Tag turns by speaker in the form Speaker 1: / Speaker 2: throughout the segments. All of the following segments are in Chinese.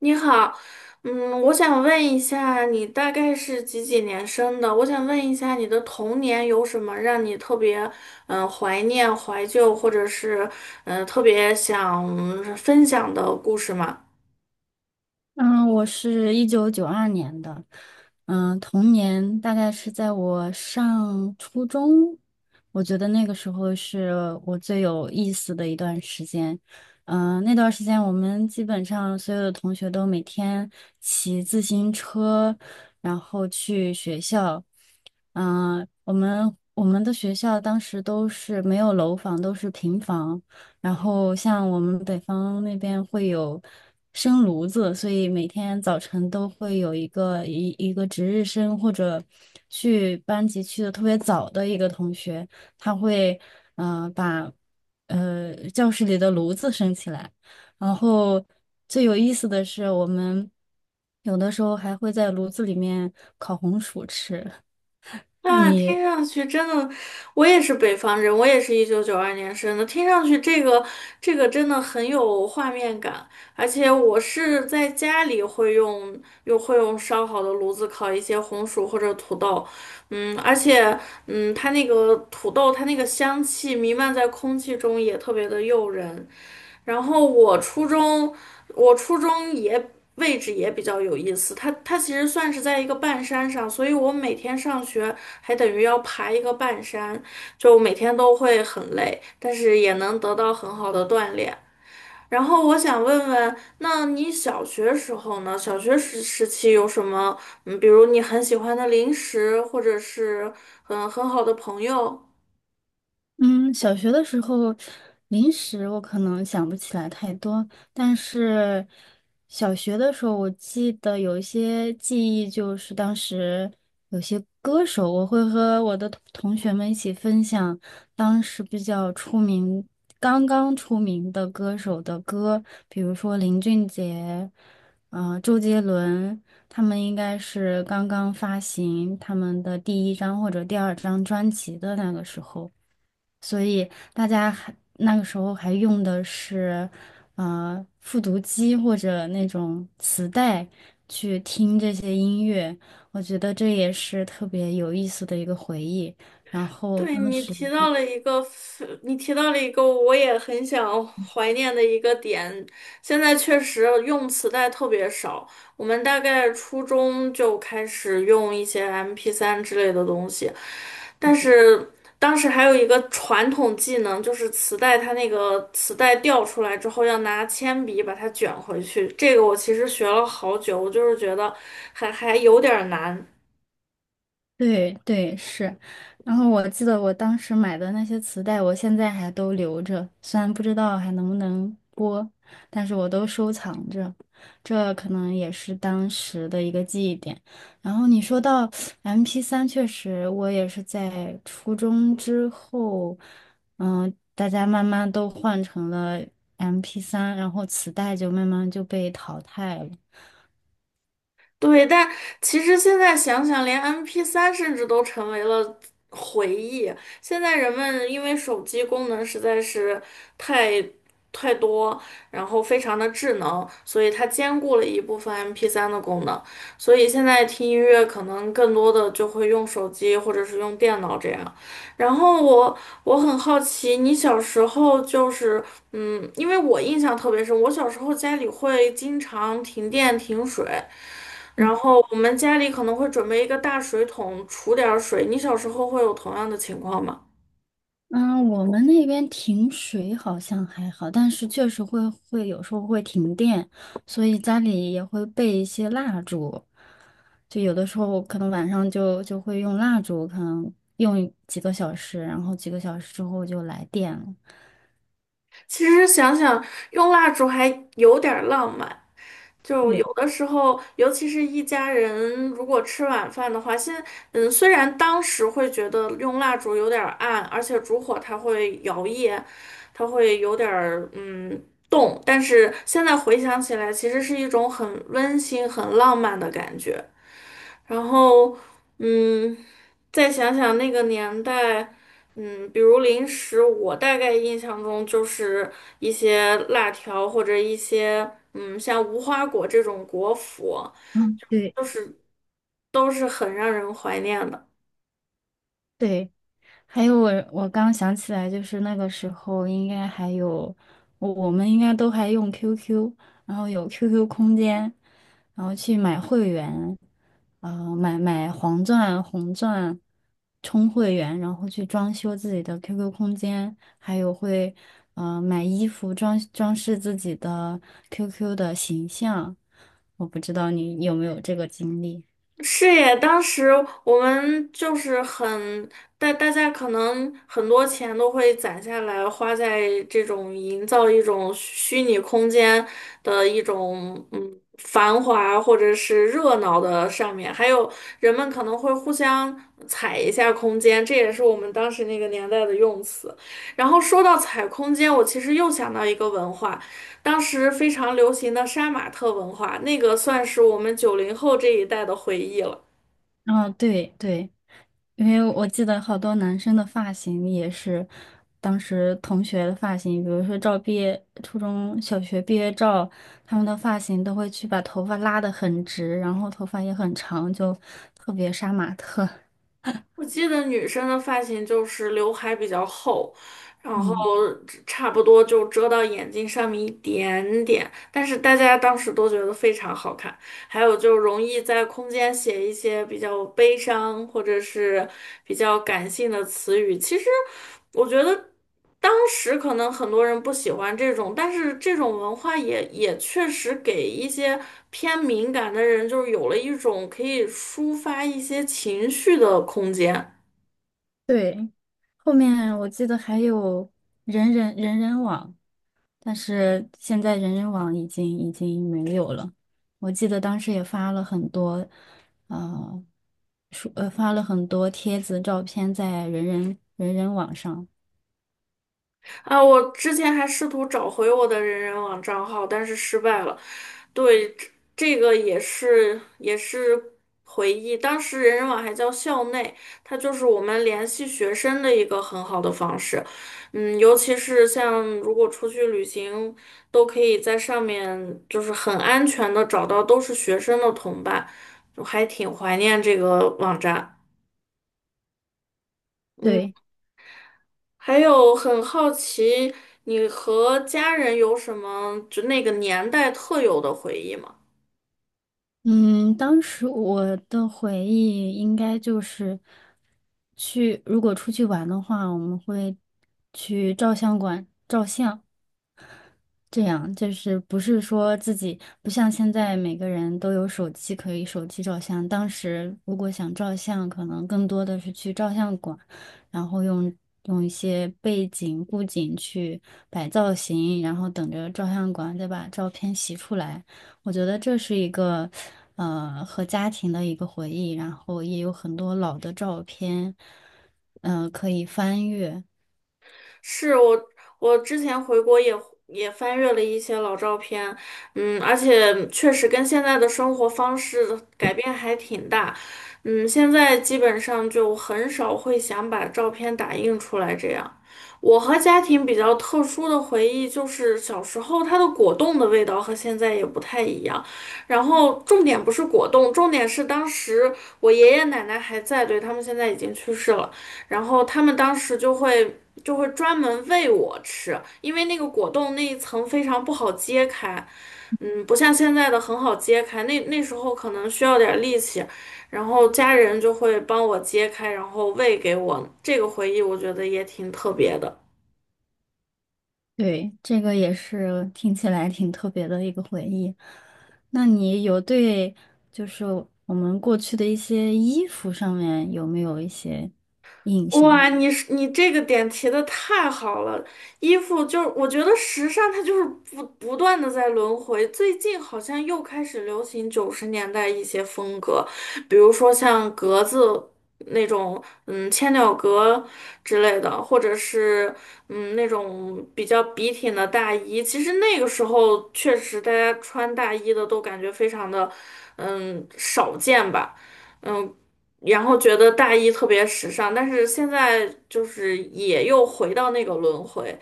Speaker 1: 你好，我想问一下，你大概是几几年生的？我想问一下，你的童年有什么让你特别怀念、怀旧，或者是特别想分享的故事吗？
Speaker 2: 嗯，我是1992年的。童年大概是在我上初中，我觉得那个时候是我最有意思的一段时间。那段时间我们基本上所有的同学都每天骑自行车，然后去学校。我们的学校当时都是没有楼房，都是平房。然后像我们北方那边会有生炉子，所以每天早晨都会有一个值日生或者去班级去的特别早的一个同学，他会把教室里的炉子升起来。然后最有意思的是，我们有的时候还会在炉子里面烤红薯吃。
Speaker 1: 啊，
Speaker 2: 你
Speaker 1: 听上去真的，我也是北方人，我也是1992年生的。听上去这个真的很有画面感，而且我是在家里会用，又会用烧好的炉子烤一些红薯或者土豆。而且它那个土豆它那个香气弥漫在空气中也特别的诱人。然后我初中也位置也比较有意思，它其实算是在一个半山上，所以我每天上学还等于要爬一个半山，就每天都会很累，但是也能得到很好的锻炼。然后我想问问，那你小学时候呢？小学时期有什么，比如你很喜欢的零食，或者是很好的朋友？
Speaker 2: 嗯，小学的时候，零食我可能想不起来太多，但是小学的时候，我记得有一些记忆，就是当时有些歌手，我会和我的同学们一起分享当时比较出名、刚刚出名的歌手的歌，比如说林俊杰，周杰伦，他们应该是刚刚发行他们的第一张或者第二张专辑的那个时候。所以大家还那个时候还用的是，复读机或者那种磁带去听这些音乐，我觉得这也是特别有意思的一个回忆。然后
Speaker 1: 对，
Speaker 2: 当
Speaker 1: 你
Speaker 2: 时。
Speaker 1: 提到了一个非你提到了一个我也很想怀念的一个点。现在确实用磁带特别少，我们大概初中就开始用一些 MP3 之类的东西，但是当时还有一个传统技能，就是磁带它那个磁带掉出来之后要拿铅笔把它卷回去。这个我其实学了好久，我就是觉得还有点儿难。
Speaker 2: 对对是，然后我记得我当时买的那些磁带，我现在还都留着，虽然不知道还能不能播，但是我都收藏着，这可能也是当时的一个记忆点。然后你说到 m p 三，确实我也是在初中之后，大家慢慢都换成了 m p 三，然后磁带就慢慢就被淘汰了。
Speaker 1: 对，但其实现在想想，连 m p 三甚至都成为了回忆。现在人们因为手机功能实在是太太多，然后非常的智能，所以它兼顾了一部分 m p 三的功能。所以现在听音乐可能更多的就会用手机或者是用电脑这样。然后我很好奇，你小时候就是。因为我印象特别深，我小时候家里会经常停电停水。然后我们家里可能会准备一个大水桶，储点儿水。你小时候会有同样的情况吗？
Speaker 2: 嗯，我们那边停水好像还好，但是确实会有时候会停电，所以家里也会备一些蜡烛，就有的时候可能晚上就会用蜡烛，可能用几个小时，然后几个小时之后就来电了。
Speaker 1: 其实想想，用蜡烛还有点儿浪漫。就有
Speaker 2: 对。
Speaker 1: 的时候，尤其是一家人如果吃晚饭的话，虽然当时会觉得用蜡烛有点儿暗，而且烛火它会摇曳，它会有点儿动，但是现在回想起来，其实是一种很温馨、很浪漫的感觉。然后，嗯，再想想那个年代，比如零食，我大概印象中就是一些辣条或者一些，像无花果这种果脯，
Speaker 2: 嗯，对。
Speaker 1: 就是都是很让人怀念的。
Speaker 2: 对，还有我刚想起来，就是那个时候应该还有我们应该都还用 QQ，然后有 QQ 空间，然后去买会员，买黄钻、红钻，充会员，然后去装修自己的 QQ 空间，还有会买衣服装饰自己的 QQ 的形象。我不知道你有没有这个经历。
Speaker 1: 是耶，当时我们就是很，大家可能很多钱都会攒下来，花在这种营造一种虚拟空间的一种繁华或者是热闹的上面，还有人们可能会互相踩一下空间，这也是我们当时那个年代的用词。然后说到踩空间，我其实又想到一个文化。当时非常流行的杀马特文化，那个算是我们90后这一代的回忆了。
Speaker 2: 啊，对对，因为我记得好多男生的发型也是当时同学的发型，比如说照毕业初中小学毕业照，他们的发型都会去把头发拉得很直，然后头发也很长，就特别杀马特。
Speaker 1: 我记得女生的发型就是刘海比较厚，然后
Speaker 2: 嗯，
Speaker 1: 差不多就遮到眼睛上面一点点，但是大家当时都觉得非常好看。还有就容易在空间写一些比较悲伤或者是比较感性的词语，其实我觉得。当时可能很多人不喜欢这种，但是这种文化也确实给一些偏敏感的人，就是有了一种可以抒发一些情绪的空间。
Speaker 2: 对。后面我记得还有人人网。但是现在人人网已经没有了。我记得当时也发了很多，呃，发了很多帖子、照片在人人网上。
Speaker 1: 啊，我之前还试图找回我的人人网账号，但是失败了。对，这个也是回忆，当时人人网还叫校内，它就是我们联系学生的一个很好的方式。尤其是像如果出去旅行，都可以在上面就是很安全的找到都是学生的同伴，我还挺怀念这个网站。嗯。
Speaker 2: 对。
Speaker 1: 还有很好奇，你和家人有什么就那个年代特有的回忆吗？
Speaker 2: 嗯，当时我的回忆应该就是去，如果出去玩的话，我们会去照相馆照相。这样就是不是说自己不像现在每个人都有手机可以手机照相，当时如果想照相，可能更多的是去照相馆，然后用一些背景布景去摆造型，然后等着照相馆再把照片洗出来。我觉得这是一个和家庭的一个回忆，然后也有很多老的照片，可以翻阅。
Speaker 1: 是我，我之前回国也翻阅了一些老照片，而且确实跟现在的生活方式改变还挺大，现在基本上就很少会想把照片打印出来这样。我和家庭比较特殊的回忆就是小时候它的果冻的味道和现在也不太一样，然后重点不是果冻，重点是当时我爷爷奶奶还在，对，他们现在已经去世了。然后他们当时就会专门喂我吃，因为那个果冻那一层非常不好揭开，不像现在的很好揭开，那时候可能需要点力气，然后家人就会帮我揭开，然后喂给我，这个回忆我觉得也挺特别的。
Speaker 2: 对，这个也是听起来挺特别的一个回忆。那你有就是我们过去的一些衣服上面有没有一些印象？
Speaker 1: 哇，你这个点提的太好了，衣服就是我觉得时尚它就是不断的在轮回，最近好像又开始流行九十年代一些风格，比如说像格子那种，千鸟格之类的，或者是那种比较笔挺的大衣。其实那个时候确实大家穿大衣的都感觉非常的，少见吧。嗯，然后觉得大衣特别时尚，但是现在就是也又回到那个轮回。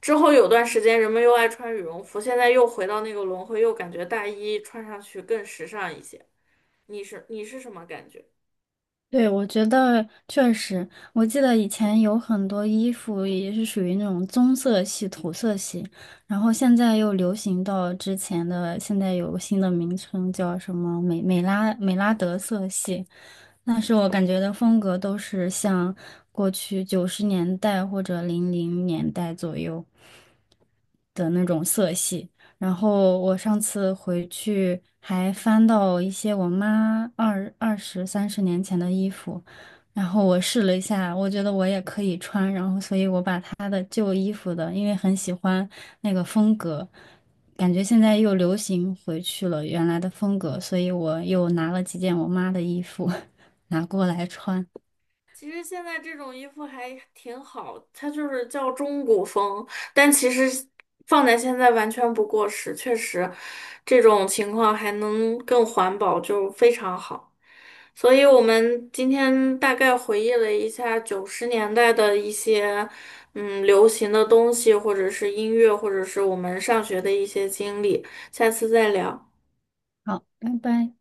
Speaker 1: 之后有段时间人们又爱穿羽绒服，现在又回到那个轮回，又感觉大衣穿上去更时尚一些。你是什么感觉？
Speaker 2: 对，我觉得确实，我记得以前有很多衣服也是属于那种棕色系、土色系，然后现在又流行到之前的，现在有个新的名称叫什么美拉德色系。那是我感觉的风格都是像过去90年代或者00年代左右的那种色系。然后我上次回去还翻到一些我妈20、30年前的衣服，然后我试了一下，我觉得我也可以穿，然后所以我把她的旧衣服的，因为很喜欢那个风格，感觉现在又流行回去了原来的风格，所以我又拿了几件我妈的衣服。拿过来穿。
Speaker 1: 其实现在这种衣服还挺好，它就是叫中古风，但其实放在现在完全不过时，确实这种情况还能更环保，就非常好。所以我们今天大概回忆了一下九十年代的一些流行的东西，或者是音乐，或者是我们上学的一些经历，下次再聊。
Speaker 2: 好，拜拜。